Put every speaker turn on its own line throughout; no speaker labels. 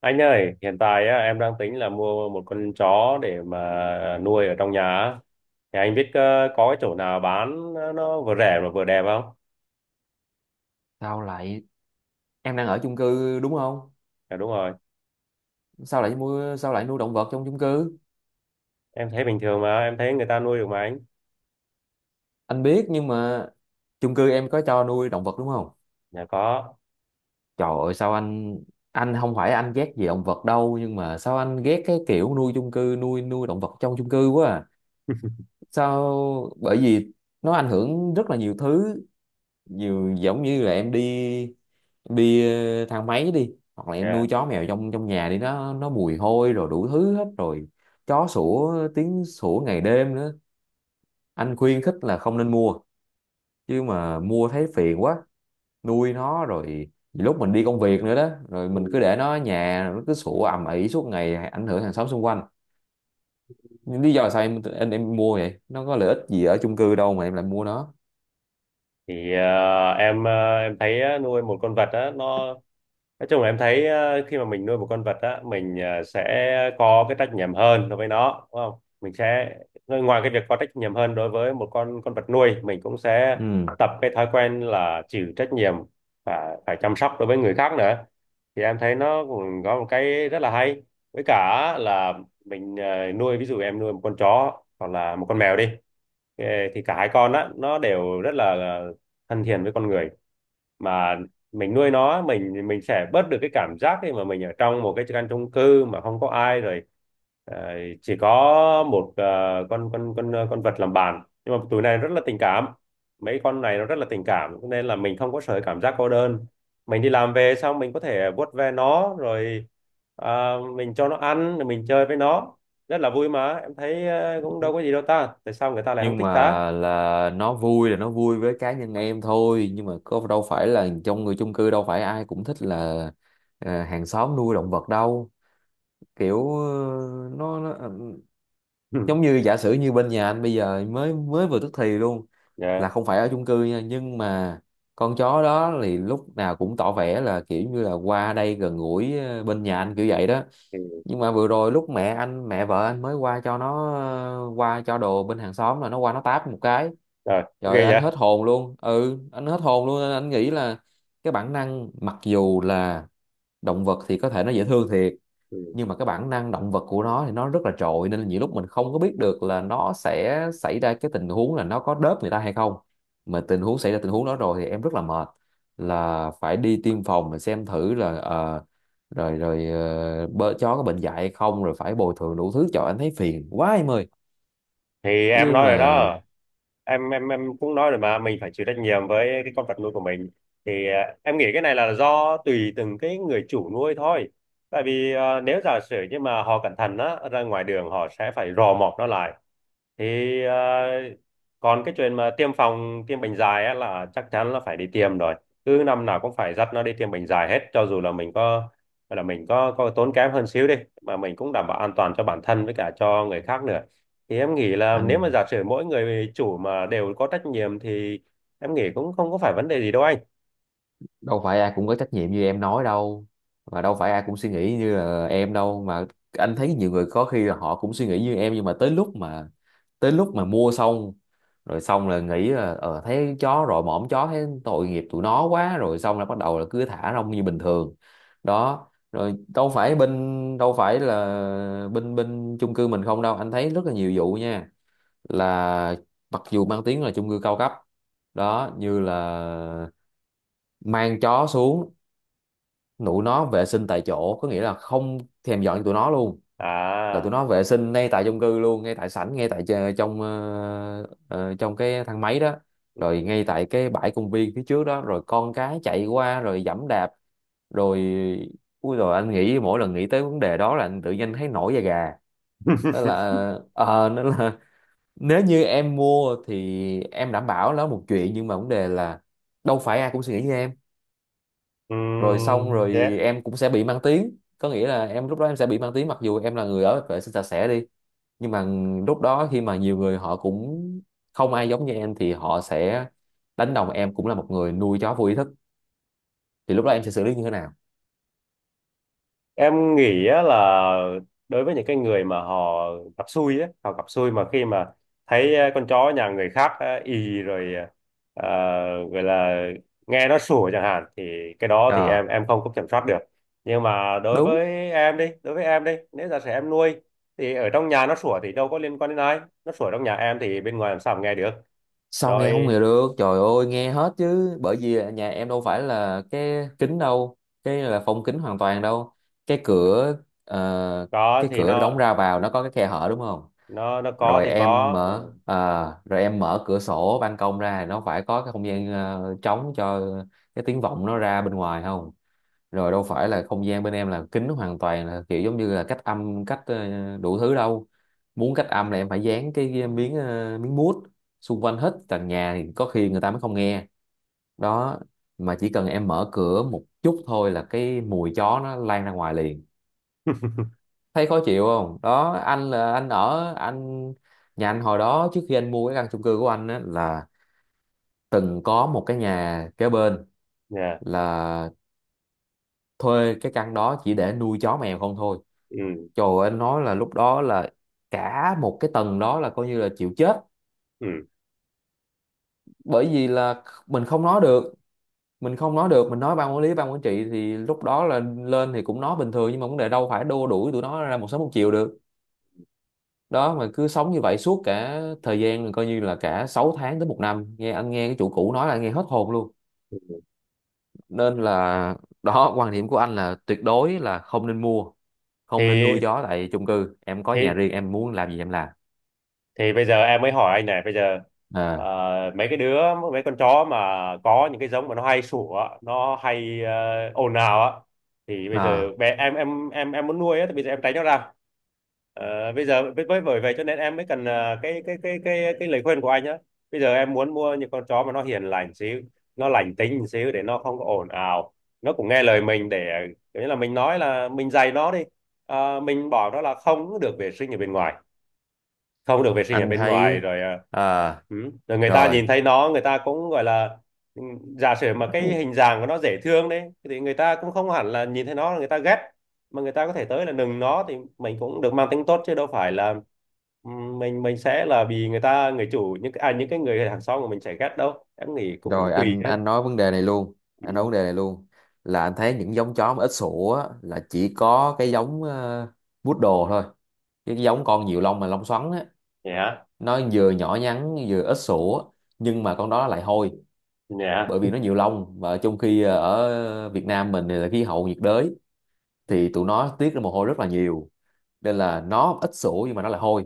Anh ơi, hiện tại á, em đang tính là mua một con chó để mà nuôi ở trong nhà. Thì anh biết có cái chỗ nào bán nó vừa rẻ mà vừa đẹp không?
Sao lại Em đang ở chung cư đúng không?
Dạ đúng rồi,
Sao lại nuôi động vật trong chung cư?
em thấy bình thường mà, em thấy người ta nuôi được mà anh.
Anh biết nhưng mà chung cư em có cho nuôi động vật đúng không?
Dạ có.
Trời ơi, sao anh không phải anh ghét gì động vật đâu, nhưng mà sao anh ghét cái kiểu nuôi động vật trong chung cư quá à. Bởi vì nó ảnh hưởng rất là nhiều thứ. Nhiều giống như là em đi thang máy đi, hoặc là em
Dạ.
nuôi chó mèo trong trong nhà đi, nó mùi hôi rồi đủ thứ hết rồi. Chó sủa, tiếng sủa ngày đêm nữa. Anh khuyên khích là không nên mua, chứ mà mua thấy phiền quá. Nuôi nó rồi lúc mình đi công việc nữa đó, rồi mình cứ
Ừ.
để nó ở nhà rồi nó cứ sủa ầm ĩ suốt ngày, ảnh hưởng hàng xóm xung quanh. Nhưng lý do là sao em, em mua vậy nó có lợi ích gì ở chung cư đâu mà em lại mua nó?
Thì em thấy á, nuôi một con vật á, nó nói chung là em thấy khi mà mình nuôi một con vật á, mình sẽ có cái trách nhiệm hơn đối với nó đúng không, mình sẽ ngoài cái việc có trách nhiệm hơn đối với một con vật nuôi, mình cũng sẽ
Ừ.
tập cái thói quen là chịu trách nhiệm và phải chăm sóc đối với người khác nữa. Thì em thấy nó cũng có một cái rất là hay, với cả là mình nuôi, ví dụ em nuôi một con chó hoặc là một con mèo đi. Ờ, thì cả hai con á nó đều rất là thân thiện với con người, mà mình nuôi nó, mình sẽ bớt được cái cảm giác khi mà mình ở trong một cái căn chung cư mà không có ai rồi, ờ, chỉ có một con vật làm bạn. Nhưng mà tụi này rất là tình cảm, mấy con này nó rất là tình cảm cho nên là mình không có sợ cảm giác cô đơn. Mình đi làm về xong mình có thể vuốt ve nó rồi, mình cho nó ăn rồi mình chơi với nó, rất là vui. Mà em thấy cũng đâu có gì đâu ta, tại sao người ta lại không
Nhưng
thích
mà
ta.
là nó vui với cá nhân em thôi, nhưng mà có đâu phải là trong người chung cư đâu phải ai cũng thích là hàng xóm nuôi động vật đâu. Kiểu
Ừ.
giống như giả sử như bên nhà anh bây giờ mới mới vừa tức thì luôn, là
Dạ.
không phải ở chung cư nha. Nhưng mà con chó đó thì lúc nào cũng tỏ vẻ là kiểu như là qua đây gần gũi bên nhà anh kiểu vậy đó.
Ừ.
Nhưng mà vừa rồi lúc mẹ vợ anh mới qua cho nó qua cho đồ bên hàng xóm, là nó qua nó táp một cái.
Rồi
Trời ơi,
ghê
anh
vậy.
hết hồn luôn. Ừ, anh hết hồn luôn, nên anh nghĩ là cái bản năng, mặc dù là động vật thì có thể nó dễ thương thiệt,
Ừ.
nhưng mà cái bản năng động vật của nó thì nó rất là trội, nên là nhiều lúc mình không có biết được là nó sẽ xảy ra cái tình huống là nó có đớp người ta hay không. Mà tình huống xảy ra tình huống đó rồi thì em rất là mệt, là phải đi tiêm phòng để xem thử là rồi rồi ờ, chó có bệnh dại hay không, rồi phải bồi thường đủ thứ trời, anh thấy phiền quá em ơi.
Thì em
Chứ
nói rồi
mà
đó, em cũng nói rồi mà, mình phải chịu trách nhiệm với cái con vật nuôi của mình. Thì à, em nghĩ cái này là do tùy từng cái người chủ nuôi thôi, tại vì à, nếu giả sử như mà họ cẩn thận á, ra ngoài đường họ sẽ phải rò mọc nó lại thì còn cái chuyện mà tiêm phòng tiêm bệnh dài á, là chắc chắn là phải đi tiêm rồi. Cứ năm nào cũng phải dắt nó đi tiêm bệnh dài hết, cho dù là mình có gọi là mình có tốn kém hơn xíu đi, mà mình cũng đảm bảo an toàn cho bản thân với cả cho người khác nữa. Thì em nghĩ là nếu mà
anh,
giả sử mỗi người chủ mà đều có trách nhiệm thì em nghĩ cũng không có phải vấn đề gì đâu anh
đâu phải ai cũng có trách nhiệm như em nói đâu, mà đâu phải ai cũng suy nghĩ như là em đâu mà. Anh thấy nhiều người có khi là họ cũng suy nghĩ như em, nhưng mà tới lúc mà mua xong, rồi xong là nghĩ là thấy chó rồi mõm chó thấy tội nghiệp tụi nó quá, rồi xong là bắt đầu là cứ thả rong như bình thường đó. Rồi đâu phải là bên bên chung cư mình không đâu, anh thấy rất là nhiều vụ nha. Là mặc dù mang tiếng là chung cư cao cấp đó, như là mang chó xuống tụi nó vệ sinh tại chỗ, có nghĩa là không thèm dọn cho tụi nó luôn, là tụi
à.
nó vệ sinh ngay tại chung cư luôn, ngay tại sảnh, ngay tại trong trong cái thang máy đó, rồi ngay tại cái bãi công viên phía trước đó, rồi con cái chạy qua rồi giẫm đạp rồi. Ui, rồi anh nghĩ mỗi lần nghĩ tới vấn đề đó là anh tự nhiên thấy nổi da gà. Nên là nên là, nếu như em mua thì em đảm bảo nó một chuyện, nhưng mà vấn đề là đâu phải ai cũng suy nghĩ như em. Rồi xong
um,
rồi em cũng sẽ bị mang tiếng, có nghĩa là em lúc đó em sẽ bị mang tiếng mặc dù em là người ở vệ sinh sạch sẽ đi, nhưng mà lúc đó khi mà nhiều người họ cũng không ai giống như em thì họ sẽ đánh đồng em cũng là một người nuôi chó vô ý thức. Thì lúc đó em sẽ xử lý như thế nào?
em nghĩ á là đối với những cái người mà họ gặp xui á, họ gặp xui mà khi mà thấy con chó nhà người khác ì rồi ờ, gọi là nghe nó sủa chẳng hạn, thì cái đó thì em
À,
em không có kiểm soát được. Nhưng mà đối
đúng.
với em đi, nếu giả sử em nuôi thì ở trong nhà nó sủa thì đâu có liên quan đến ai, nó sủa trong nhà em thì bên ngoài làm sao mà nghe được.
Sao nghe không
Rồi
nghe được, trời ơi, nghe hết chứ, bởi vì nhà em đâu phải là cái kính đâu, cái là phong kính hoàn toàn đâu. cái cửa ờ,
có
cái
thì
cửa đóng
nó
ra vào nó có cái khe hở đúng không?
nó có
rồi
thì
em
có.
mở à, rồi em mở cửa sổ ban công ra, nó phải có cái không gian trống cho cái tiếng vọng nó ra bên ngoài không? Rồi đâu phải là không gian bên em là kín hoàn toàn, là kiểu giống như là cách âm, đủ thứ đâu. Muốn cách âm là em phải dán cái miếng, miếng mút xung quanh hết tầng nhà thì có khi người ta mới không nghe đó. Mà chỉ cần em mở cửa một chút thôi là cái mùi chó nó lan ra ngoài liền.
Ừ.
Thấy khó chịu không đó, anh là anh ở anh nhà anh, hồi đó trước khi anh mua cái căn chung cư của anh á, là từng có một cái nhà kế bên,
Dạ.
là thuê cái căn đó chỉ để nuôi chó mèo không thôi.
Ừ.
Trời ơi, anh nói là lúc đó là cả một cái tầng đó là coi như là chịu chết,
Ừ.
bởi vì là mình không nói được, mình không nói được, mình nói ban quản lý, ban quản trị thì lúc đó là lên thì cũng nói bình thường, nhưng mà vấn đề đâu phải đua đuổi tụi nó ra một sớm một chiều được đó. Mà cứ sống như vậy suốt cả thời gian là coi như là cả 6 tháng đến một năm, nghe anh nghe cái chủ cũ nói là anh nghe hết hồn luôn. Nên là đó, quan điểm của anh là tuyệt đối là không nên mua, không nên nuôi
thì
chó tại chung cư. Em có nhà
thì
riêng em muốn làm gì em làm.
thì bây giờ em mới hỏi anh này. Bây giờ ờ,
À.
mấy cái đứa, mấy con chó mà có những cái giống mà nó hay sủa, nó hay ồn ào á, thì bây giờ
À,
bé em muốn nuôi á thì bây giờ em tránh nó ra. Ờ, bây giờ với bởi vậy cho nên em mới cần cái lời khuyên của anh á. Bây giờ em muốn mua những con chó mà nó hiền lành xíu, nó lành tính xíu để nó không có ồn ào, nó cũng nghe lời mình, để kiểu như là mình nói, là mình dạy nó đi. Ờ, mình bảo nó là không được vệ sinh ở bên ngoài, không được vệ sinh ở
anh
bên ngoài
thấy.
rồi à,
À,
ừ. Rồi người ta nhìn
rồi.
thấy nó, người ta cũng gọi là, ừ, giả sử mà cái hình dạng của nó dễ thương đấy thì người ta cũng không hẳn là nhìn thấy nó là người ta ghét, mà người ta có thể tới là nừng nó thì mình cũng được mang tính tốt chứ đâu phải là, ừ, mình sẽ là vì người ta, người chủ, những à, những cái người hàng xóm của mình sẽ ghét đâu. Em nghĩ cũng
Rồi,
tùy
anh
đấy.
anh nói vấn đề này luôn, anh nói
Ừ.
vấn đề này luôn, là anh thấy những giống chó mà ít sủa á, là chỉ có cái giống poodle thôi, cái giống con nhiều lông mà lông xoắn á.
Nhé.
Nó vừa nhỏ nhắn vừa ít sữa, nhưng mà con đó lại hôi,
Nhé.
bởi vì nó nhiều lông. Và trong khi ở Việt Nam mình thì là khí hậu nhiệt đới, thì tụi nó tiết ra mồ hôi rất là nhiều, nên là nó ít sữa nhưng mà nó lại hôi.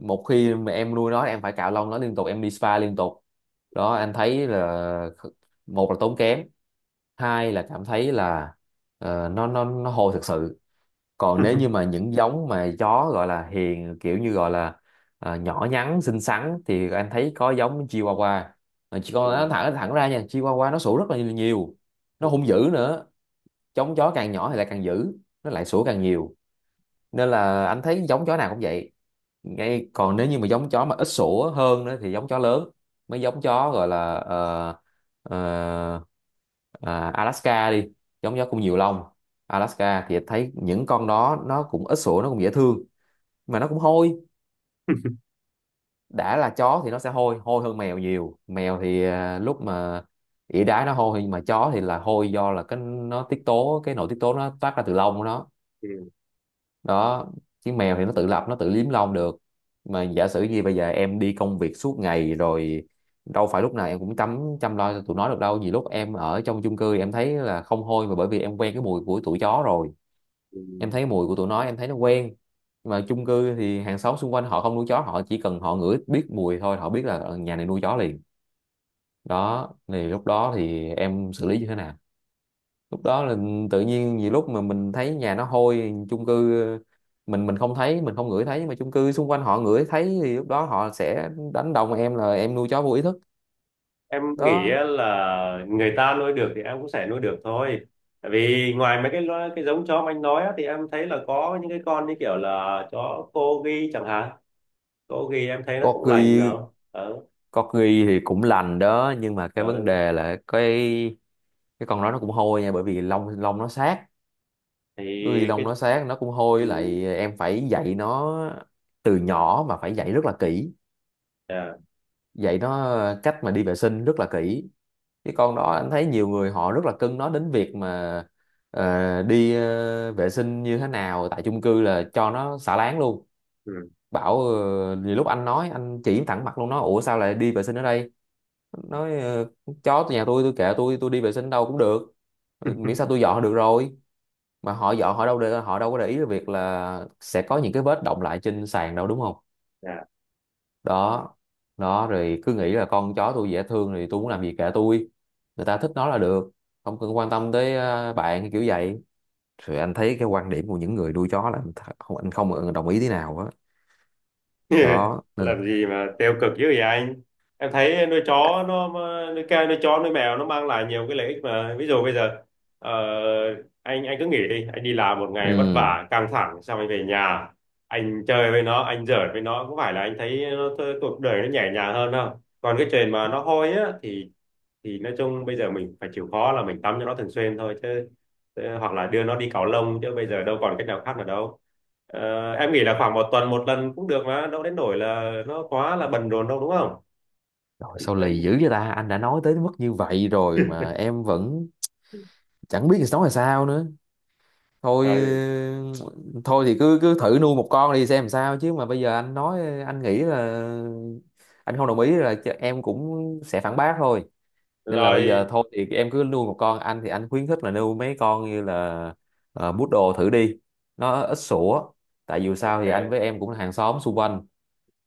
Một khi mà em nuôi nó em phải cạo lông nó liên tục, em đi spa liên tục đó. Anh thấy là, kh- một là tốn kém, hai là cảm thấy là nó hôi thực sự. Còn nếu như mà những giống mà chó gọi là hiền, kiểu như gọi là à, nhỏ nhắn xinh xắn, thì anh thấy có giống Chihuahua. Mà chỉ con nó
Ừ.
thẳng thẳng ra nha, Chihuahua nó sủa rất là nhiều, nó
Ừ. Ừ.
hung dữ nữa. Giống chó càng nhỏ thì lại càng dữ, nó lại sủa càng nhiều. Nên là anh thấy giống chó nào cũng vậy. Ngay, còn nếu như mà giống chó mà ít sủa hơn nữa thì giống chó lớn, mấy giống chó gọi là ờ, Alaska đi, giống chó cũng nhiều lông. Alaska thì thấy những con đó nó cũng ít sủa, nó cũng dễ thương, mà nó cũng hôi. Đã là chó thì nó sẽ hôi, hôi hơn mèo nhiều. Mèo thì lúc mà ỉa đái nó hôi, nhưng mà chó thì là hôi do là cái nó tiết tố, cái nội tiết tố nó toát ra từ lông của nó
Ừ.
đó. Chứ mèo thì nó tự lập, nó tự liếm lông được. Mà giả sử như bây giờ em đi công việc suốt ngày rồi, đâu phải lúc nào em cũng chăm chăm lo cho tụi nó được đâu, nhiều lúc em ở trong chung cư em thấy là không hôi, mà bởi vì em quen cái mùi của tụi chó rồi.
Ừ,
Em
ừ.
thấy mùi của tụi nó em thấy nó quen. Mà chung cư thì hàng xóm xung quanh họ không nuôi chó, họ chỉ cần họ ngửi biết mùi thôi họ biết là nhà này nuôi chó liền đó. Thì lúc đó thì em xử lý như thế nào? Lúc đó là tự nhiên, vì lúc mà mình thấy nhà nó hôi chung cư, mình không thấy, mình không ngửi thấy, mà chung cư xung quanh họ ngửi thấy, thì lúc đó họ sẽ đánh đồng em là em nuôi chó vô ý thức
Em nghĩ
đó.
á là người ta nuôi được thì em cũng sẽ nuôi được thôi. Tại vì ngoài mấy cái giống chó mà anh nói á, thì em thấy là có những cái con như kiểu là chó corgi chẳng hạn. Corgi em thấy nó cũng lành
Corgi.
đâu ờ.
Corgi thì cũng lành đó, nhưng mà cái
Ờ.
vấn đề là cái con đó nó Cũng hôi nha, bởi vì lông lông nó sát.
Thì
Corgi lông
cái.
nó sát nó cũng
Ừ.
hôi, lại em phải dạy nó từ nhỏ, mà phải dạy rất là kỹ,
Dạ.
dạy nó cách mà đi vệ sinh rất là kỹ. Cái con đó anh thấy nhiều người họ rất là cưng nó, đến việc mà đi vệ sinh như thế nào, tại chung cư là cho nó xả láng luôn.
Ừ.
Bảo nhiều lúc anh nói, anh chỉ thẳng mặt luôn, nói ủa sao lại đi vệ sinh ở đây. Nói chó từ nhà tôi kệ, tôi đi vệ sinh đâu cũng được. Miễn sao tôi dọn là được rồi. Mà họ dọn, họ đâu có để ý cái việc là sẽ có những cái vết động lại trên sàn đâu, đúng không? Đó. Đó rồi cứ nghĩ là con chó tôi dễ thương thì tôi muốn làm gì kệ tôi, người ta thích nó là được, không cần quan tâm tới bạn, kiểu vậy. Rồi anh thấy cái quan điểm của những người nuôi chó là không, anh không đồng ý thế nào á. Đó nên
Làm gì mà tiêu cực dữ vậy anh? Em thấy nuôi chó nó, nuôi ca, nuôi chó nuôi mèo nó mang lại nhiều cái lợi ích mà. Ví dụ bây giờ ờ, anh cứ nghỉ đi, anh đi làm một ngày vất
ừ,
vả căng thẳng xong anh về nhà, anh chơi với nó, anh giỡn với nó, có phải là anh thấy nó, cuộc đời nó nhẹ nhàng hơn không. Còn cái chuyện mà nó hôi á thì nói chung bây giờ mình phải chịu khó là mình tắm cho nó thường xuyên thôi, chứ chứ- hoặc là đưa nó đi cạo lông chứ bây giờ đâu còn cách nào khác nữa đâu. Ờ, em nghĩ là khoảng một tuần một lần cũng được, mà đâu đến nỗi là nó quá là bận rộn đâu đúng không.
rồi sao lì
Em.
dữ vậy ta, anh đã nói tới mức như vậy rồi mà em vẫn chẳng biết nói là sao nữa. Thôi
Rồi.
ừ, thôi thì cứ cứ thử nuôi một con đi xem làm sao, chứ mà bây giờ anh nói, anh nghĩ là anh không đồng ý là em cũng sẽ phản bác thôi. Nên là bây giờ
Rồi
thôi thì em cứ nuôi một con, anh thì anh khuyến khích là nuôi mấy con như là bút đồ thử đi, nó ít sủa. Tại dù sao thì anh với
ok.
em cũng là hàng xóm xung quanh,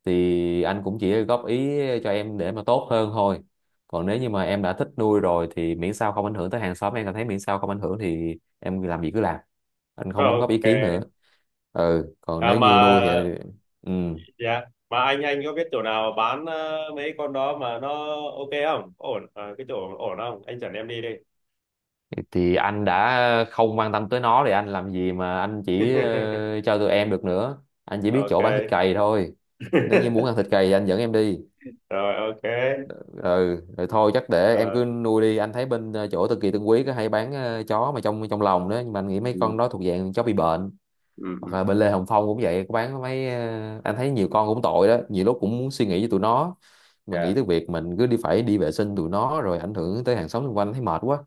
thì anh cũng chỉ góp ý cho em để mà tốt hơn thôi. Còn nếu như mà em đã thích nuôi rồi thì miễn sao không ảnh hưởng tới hàng xóm, em cảm thấy miễn sao không ảnh hưởng thì em làm gì cứ làm, anh không
Rồi
đóng góp ý
ok.
kiến nữa. Ừ, còn
À,
nếu
mà,
như nuôi thì ừ,
dạ, mà anh có biết chỗ nào bán mấy con đó mà nó ok không? Ổn. Ờ, cái chỗ ổn không anh dẫn em đi đi.
thì anh đã không quan tâm tới nó thì anh làm gì mà anh chỉ cho tụi em được nữa, anh chỉ biết chỗ bán thịt
Ok.
cầy thôi. Nếu như muốn ăn thịt cầy thì anh dẫn em đi.
Rồi ok.
Ừ, rồi thôi chắc để em
Ờ.
cứ nuôi đi. Anh thấy bên chỗ Tân Kỳ Tân Quý có hay bán chó mà trong trong lồng đó, nhưng mà anh nghĩ mấy
Ừ.
con đó thuộc dạng chó bị bệnh.
Ừ. Ừ.
Hoặc là bên Lê Hồng Phong cũng vậy, có bán mấy, anh thấy nhiều con cũng tội đó, nhiều lúc cũng muốn suy nghĩ cho tụi nó, mà nghĩ
Dạ.
tới việc mình cứ đi phải đi vệ sinh tụi nó rồi ảnh hưởng tới hàng xóm xung quanh thấy mệt quá.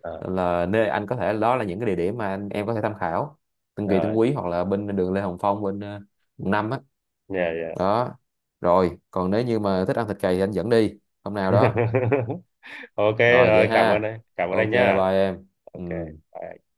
Ờ.
Là nơi anh có thể, đó là những cái địa điểm mà em có thể tham khảo: Tân Kỳ Tân
Rồi.
Quý, hoặc là bên đường Lê Hồng Phong, bên quận năm á.
Dạ, dạ.
Đó. Rồi còn nếu như mà thích ăn thịt cầy thì anh dẫn đi hôm nào đó.
Ok
Rồi vậy
rồi, cảm ơn
ha,
anh, cảm ơn anh
ok,
nhá.
bye em.
Ok,
Ừ.
bye.